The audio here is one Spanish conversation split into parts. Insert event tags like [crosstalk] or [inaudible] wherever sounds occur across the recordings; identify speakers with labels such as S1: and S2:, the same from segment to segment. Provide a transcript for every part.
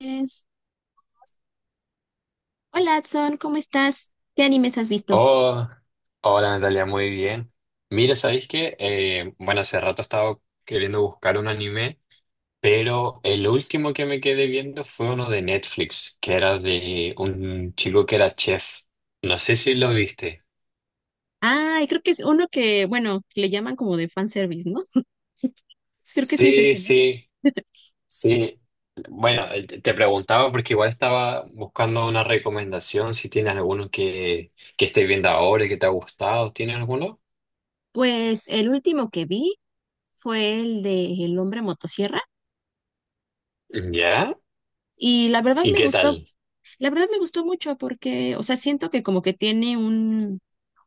S1: Es- Hola, Adson, ¿cómo estás? ¿Qué animes has visto?
S2: Oh, hola Natalia, muy bien. Mira, ¿sabéis qué? Bueno, hace rato estaba queriendo buscar un anime, pero el último que me quedé viendo fue uno de Netflix, que era de un chico que era chef. No sé si lo viste.
S1: Ay, creo que es uno que, bueno, que le llaman como de fanservice, ¿no? Sí. Creo que sí es
S2: Sí,
S1: ese, ¿no?
S2: sí, sí. Bueno, te preguntaba porque igual estaba buscando una recomendación, si tienes alguno que estés viendo ahora y que te ha gustado. ¿Tienes alguno?
S1: Pues el último que vi fue el de El hombre motosierra
S2: ¿Ya?
S1: y la verdad
S2: ¿Y
S1: me
S2: qué
S1: gustó,
S2: tal?
S1: la verdad me gustó mucho porque, o sea, siento que como que tiene un,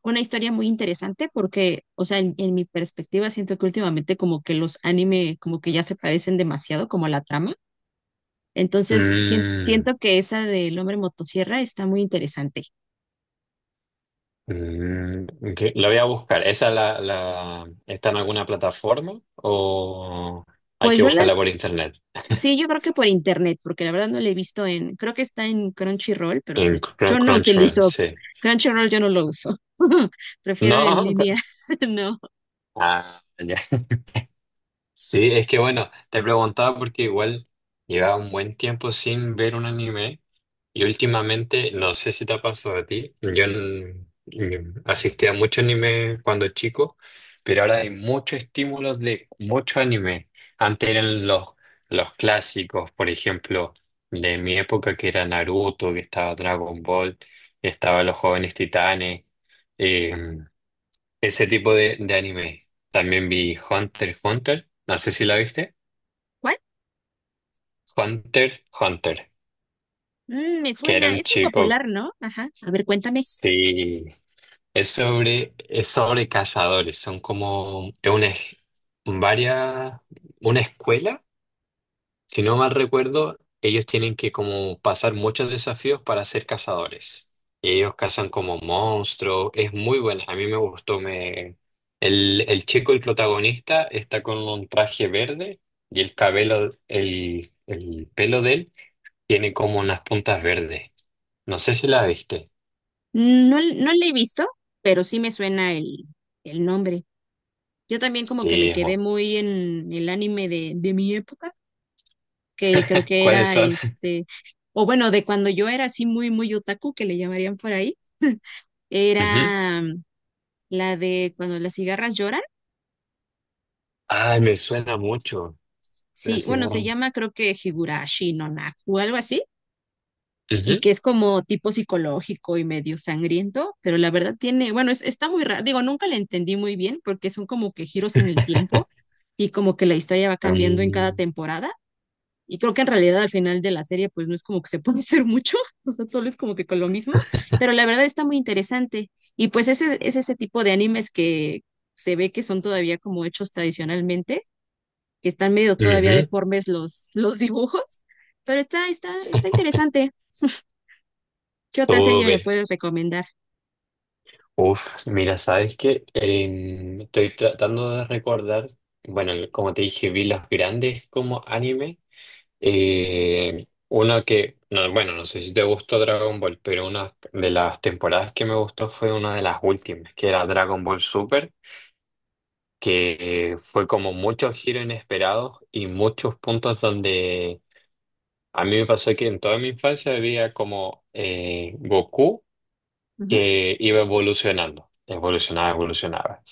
S1: una historia muy interesante porque, o sea, en mi perspectiva siento que últimamente como que los anime como que ya se parecen demasiado como a la trama. Entonces,
S2: Mm.
S1: siento que esa del hombre motosierra está muy interesante.
S2: Mm, ok, la voy a buscar. ¿Esa está en alguna plataforma o hay
S1: Pues
S2: que
S1: yo
S2: buscarla por
S1: las,
S2: internet? [laughs]
S1: sí, yo creo que por internet, porque la verdad no la he visto en, creo que está en Crunchyroll, pero
S2: En
S1: pues yo no
S2: Crunchyroll,
S1: utilizo
S2: sí.
S1: Crunchyroll, yo no lo uso. [laughs] Prefiero en
S2: No,
S1: línea, [laughs] no.
S2: [laughs] ah, ya. Sí, es que bueno, te preguntaba porque igual llevaba un buen tiempo sin ver un anime y últimamente, no sé si te ha pasado a ti, yo asistía a mucho anime cuando chico, pero ahora hay muchos estímulos de mucho anime. Antes eran los clásicos, por ejemplo, de mi época que era Naruto, que estaba Dragon Ball, estaba Los Jóvenes Titanes. eh, ese tipo de anime. También vi Hunter x Hunter. No sé si la viste.
S1: ¿Cuál?
S2: Hunter x Hunter.
S1: Mm, me
S2: Que era
S1: suena,
S2: un
S1: es muy
S2: chico.
S1: popular, ¿no? Ajá, a ver, cuéntame.
S2: Sí. Es sobre cazadores. Son como es una, varias, una escuela. Si no mal recuerdo, ellos tienen que como pasar muchos desafíos para ser cazadores. Y ellos cazan como monstruos. Es muy buena. A mí me gustó. Me... El chico, el protagonista, está con un traje verde y el cabello, el pelo de él tiene como unas puntas verdes. No sé si la viste.
S1: Mm, no, no la he visto, pero sí me suena el nombre. Yo también como que
S2: Sí,
S1: me
S2: es
S1: quedé
S2: bueno.
S1: muy en el anime de mi época que creo que
S2: ¿Cuáles
S1: era
S2: son?
S1: este, o bueno, de cuando yo era así muy, muy otaku, que le llamarían por ahí,
S2: [laughs] Ujú.
S1: era la de cuando las cigarras lloran.
S2: Ay, me suena mucho. La
S1: Sí, bueno, se
S2: cigarra.
S1: llama creo que Higurashi no Naku o algo así, y
S2: Ujú.
S1: que es como tipo psicológico y medio sangriento, pero la verdad tiene, bueno, está muy raro, digo, nunca la entendí muy bien porque son como que giros en el
S2: [laughs]
S1: tiempo y como que la historia va cambiando en cada
S2: Mm,
S1: temporada. Y creo que en realidad al final de la serie, pues no es como que se [laughs] puede hacer mucho, [laughs] o sea, solo es como que con lo mismo, pero la verdad está muy interesante. Y pues ese, es ese tipo de animes que se ve que son todavía como hechos tradicionalmente, que están medio todavía
S2: ujú.
S1: deformes los dibujos, pero está interesante. ¿Qué otra serie me
S2: Súper.
S1: puedes recomendar?
S2: Uf, mira, sabes que estoy tratando de recordar, bueno, como te dije, vi los grandes como anime. Uno que, no, bueno, no sé si te gustó Dragon Ball, pero una de las temporadas que me gustó fue una de las últimas, que era Dragon Ball Super, que fue como muchos giros inesperados y muchos puntos donde a mí me pasó que en toda mi infancia había como Goku
S1: Ujú.
S2: que iba evolucionando, evolucionaba, evolucionaba.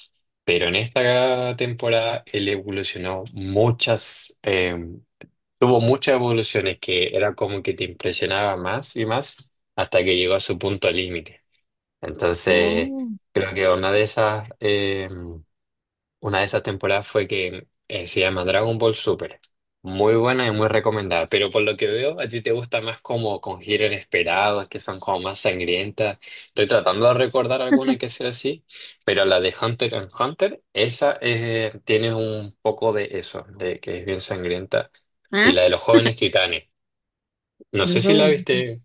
S2: Pero en esta temporada él evolucionó muchas, tuvo muchas evoluciones que era como que te impresionaba más y más hasta que llegó a su punto límite. Entonces,
S1: Oh,
S2: creo que una de esas una de esas temporadas fue que se llama Dragon Ball Super. Muy buena y muy recomendada. Pero por lo que veo, a ti te gusta más como con giros inesperados, que son como más sangrientas. Estoy tratando de recordar alguna que sea así, pero la de Hunter x Hunter, esa tiene un poco de eso, de que es bien sangrienta.
S1: ah,
S2: Y la de los jóvenes titanes. No
S1: los
S2: sé si la
S1: jóvenes.
S2: viste.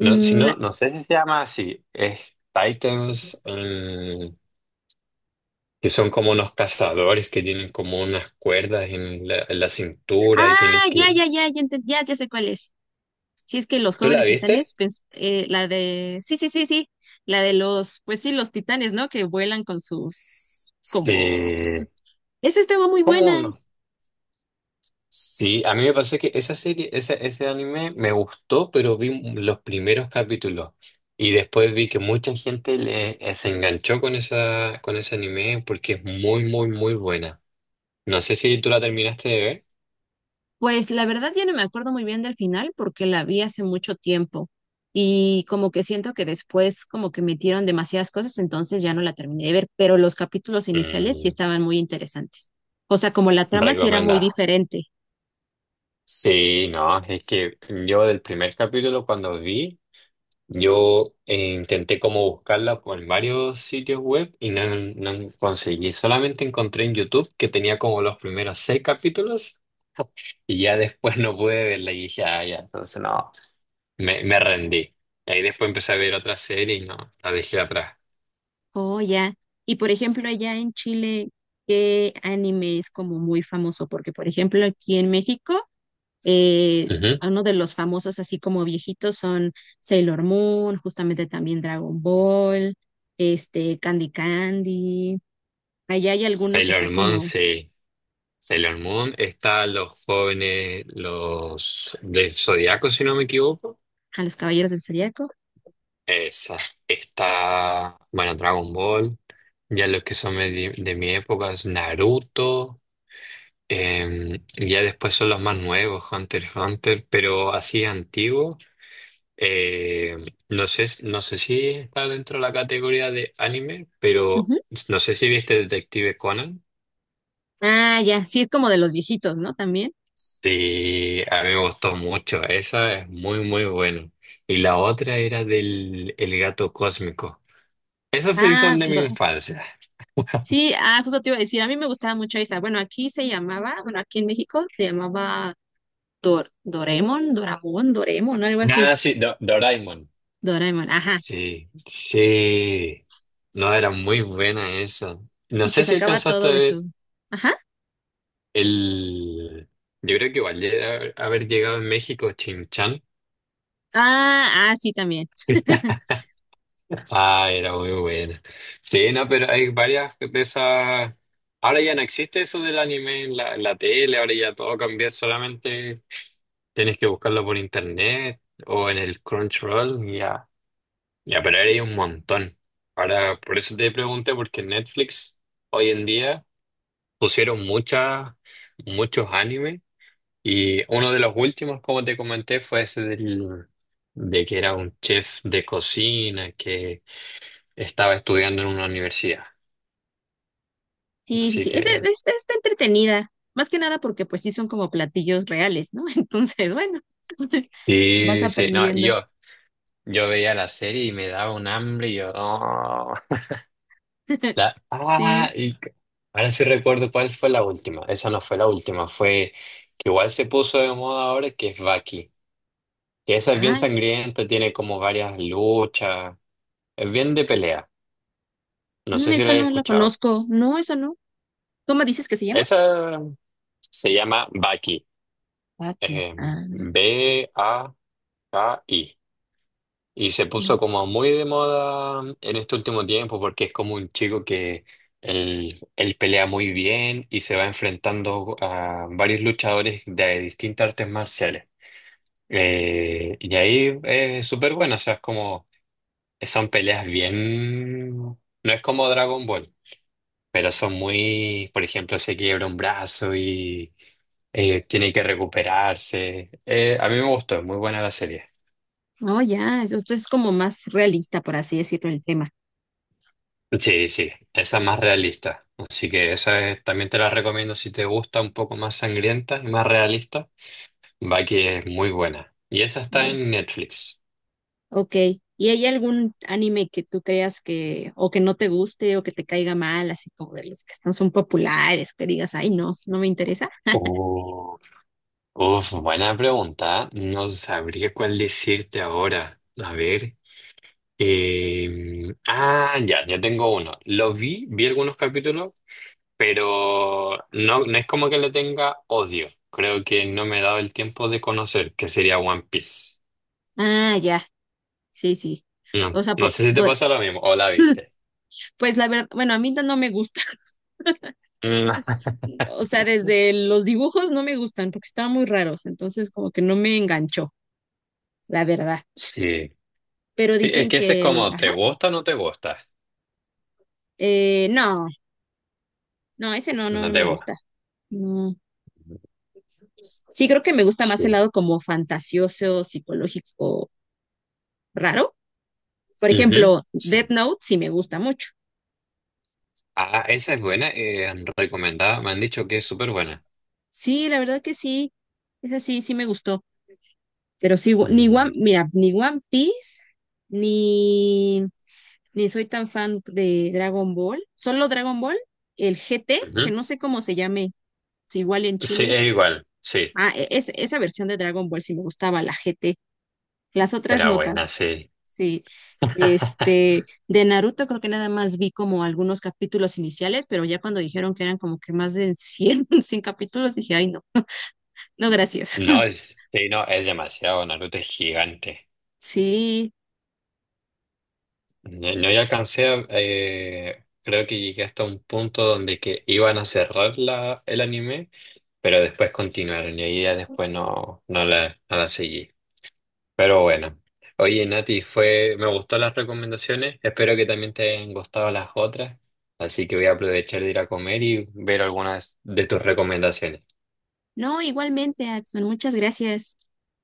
S2: No, si
S1: Mm,
S2: no,
S1: la-
S2: no sé si se llama así. Es Titans, que son como unos cazadores que tienen como unas cuerdas en la cintura
S1: Ah,
S2: y tienen
S1: ya,
S2: que...
S1: ya, ya, ya, enten- ya sé cuál es. Si es que los
S2: ¿Tú la
S1: jóvenes
S2: viste?
S1: titanes, pues, la de, sí, sí, sí, sí, la de los, pues sí, los titanes, ¿no? Que vuelan con sus, como,
S2: Sí.
S1: esa estaba muy
S2: ¿Cómo
S1: buena.
S2: no? Sí, a mí me pasó que esa serie, ese anime me gustó, pero vi los primeros capítulos y después vi que mucha gente le, se enganchó con esa, con ese anime porque es muy, muy, muy buena. No sé si tú la terminaste de ver.
S1: Pues la verdad ya no me acuerdo muy bien del final porque la vi hace mucho tiempo y como que siento que después como que metieron demasiadas cosas, entonces ya no la terminé de ver, pero los capítulos iniciales sí
S2: Mm,
S1: estaban muy interesantes. O sea, como la trama sí era muy
S2: recomendada.
S1: diferente.
S2: Sí, no, es que yo del primer capítulo cuando vi... Yo intenté como buscarla en varios sitios web y no, no conseguí. Solamente encontré en YouTube que tenía como los primeros seis capítulos. [laughs] Y ya después no pude verla y dije, ah, ya, entonces no, me rendí. Y ahí después empecé a ver otra serie y no, la dejé atrás.
S1: Oh, ya. Y por ejemplo, allá en Chile, ¿qué anime es como muy famoso? Porque, por ejemplo, aquí en México, eh,
S2: Ujú.
S1: uno de los famosos, así como viejitos, son Sailor Moon, justamente también Dragon Ball, este, Candy Candy. ¿Allá hay alguno que sea
S2: Sailor Moon,
S1: como
S2: sí. Sailor Moon, está los jóvenes, los del Zodíaco, si no me equivoco.
S1: a los Caballeros del Zodiaco?
S2: Esa, está, bueno, Dragon Ball, ya los que son de mi época es Naruto, y ya después son los más nuevos, Hunter x Hunter, pero así antiguo, eh, no sé, no sé si está dentro de la categoría de anime, pero
S1: Ujú.
S2: no sé si viste Detective Conan.
S1: Ah, ya, sí, es como de los viejitos, ¿no? También.
S2: Sí, a mí me gustó mucho, esa es muy, muy buena. Y la otra era del el gato cósmico. Esas sí
S1: Ah,
S2: son de mi
S1: do-
S2: infancia.
S1: sí, ah, justo te iba a decir, a mí me gustaba mucho esa. Bueno, aquí se llamaba, bueno, aquí en México se llamaba Dor, Doremon, Doramon, Doremon, algo así.
S2: Ah, sí, Doraemon.
S1: Doraemon, ajá.
S2: Sí, sí. No, era muy buena esa. No
S1: Y que
S2: sé si
S1: sacaba
S2: alcanzaste
S1: todo
S2: a
S1: de
S2: ver
S1: su. Ajá.
S2: el... Yo creo que igual haber llegado en México, Chin Chan.
S1: Ah, ah, sí, también. [laughs]
S2: [laughs] Ah, era muy buena. Sí, no, pero hay varias de esas... Ahora ya no existe eso del anime en la tele, ahora ya todo cambió, solamente tienes que buscarlo por internet o en el Crunchyroll, ya. Ya, pero ahora hay un montón. Ahora, por eso te pregunté, porque en Netflix hoy en día pusieron muchas, muchos animes y uno de los últimos, como te comenté, fue ese del, de que era un chef de cocina que estaba estudiando en una universidad.
S1: Sí, sí,
S2: Así
S1: sí. Ese,
S2: que,
S1: está entretenida. Más que nada porque pues sí son como platillos reales, ¿no? [laughs] Entonces, bueno, [laughs] vas
S2: sí, sí, no, y
S1: aprendiendo.
S2: yo veía la serie y me daba un hambre y yo, no.
S1: [laughs]
S2: La, ah,
S1: Sí.
S2: y c- ahora sí recuerdo cuál fue la última. Esa no fue la última, fue que igual se puso de moda ahora, que es Baki. Que esa es bien
S1: Ah,
S2: sangrienta, tiene como varias luchas, es bien de pelea. No
S1: mm,
S2: sé si
S1: esa
S2: la he
S1: no la
S2: escuchado.
S1: conozco. No, esa no. ¿Cómo dices que se llama?
S2: Esa se llama Baki.
S1: Aquí.
S2: eh,
S1: Ah,
S2: B-A-K-I. Y se puso como muy de moda en este último tiempo porque es como un chico que él pelea muy bien y se va enfrentando a varios luchadores de distintas artes marciales. Y ahí es súper bueno, o sea, es como, son peleas bien, no es como Dragon Ball, pero son muy, por ejemplo, se quiebra un brazo y tiene que recuperarse. A mí me gustó, es muy buena la serie.
S1: no, ya. Esto es como más realista, por así decirlo, el tema.
S2: Sí, sí, esa es más realista. Así que esa también te la recomiendo si te gusta un poco más sangrienta y más realista. Va que es muy buena. Y esa está
S1: No,
S2: en Netflix.
S1: ok. ¿Y hay algún anime que tú creas que, o que no te guste, o que te caiga mal, así como de los que están, son populares, que digas, ay, no, no me interesa?
S2: Uf, uf, buena pregunta. No sabría cuál decirte ahora. A ver. Ah, ya, ya tengo uno. Lo vi algunos capítulos, pero no, no es como que le tenga odio. Creo que no me he dado el tiempo de conocer, que sería One Piece.
S1: Ah, ya, sí, sí.
S2: No,
S1: O sea,
S2: no sé si te pasó lo mismo o la viste.
S1: pues la verdad, bueno, a mí no me gusta.
S2: Mm, [laughs]
S1: [laughs] O sea, desde los dibujos no me gustan porque estaban muy raros, entonces como que no me enganchó, la verdad.
S2: Sí.
S1: Pero
S2: Sí, es
S1: dicen
S2: que ese es
S1: que el,
S2: como,
S1: ajá,
S2: ¿te gusta o no te gusta?
S1: no, no, ese no, no,
S2: No
S1: no
S2: te
S1: me
S2: gusta.
S1: gusta. No. Sí, creo que me gusta más el
S2: Sí.
S1: lado como fantasioso, psicológico raro. Por
S2: Ujú,
S1: ejemplo, Death
S2: sí.
S1: Note sí me gusta mucho.
S2: Ah, esa es buena, recomendada. Me han dicho que es súper buena.
S1: Sí, la verdad que sí, es así, sí me gustó. Pero sí, wo- ni
S2: Mm,
S1: One, mira, ni One Piece, ni, ni soy tan fan de Dragon Ball. Solo Dragon Ball, el GT, que
S2: ujú.
S1: no sé cómo se llame, si igual en
S2: Sí,
S1: Chile.
S2: es igual. Sí,
S1: Ah, es, esa versión de Dragon Ball sí me gustaba, la GT. Las otras
S2: era
S1: no notas.
S2: buena, sí.
S1: Sí,
S2: [laughs]
S1: este, de Naruto creo que nada más vi como algunos capítulos iniciales, pero ya cuando dijeron que eran como que más de 100 [laughs] 100 capítulos, dije, ay, no, no, gracias.
S2: No,
S1: [laughs]
S2: es, sí, no, es demasiado. Naruto es gigante.
S1: Sí,
S2: No, no ya alcancé, creo que llegué hasta un punto donde que iban a cerrar la, el anime. Pero después continuaron y ahí ya después no, no la seguí. Pero bueno, oye Nati, fue, me gustó las recomendaciones, espero que también te hayan gustado las otras, así que voy a aprovechar de ir a comer y ver algunas de tus recomendaciones.
S1: no, igualmente, Adson, muchas gracias.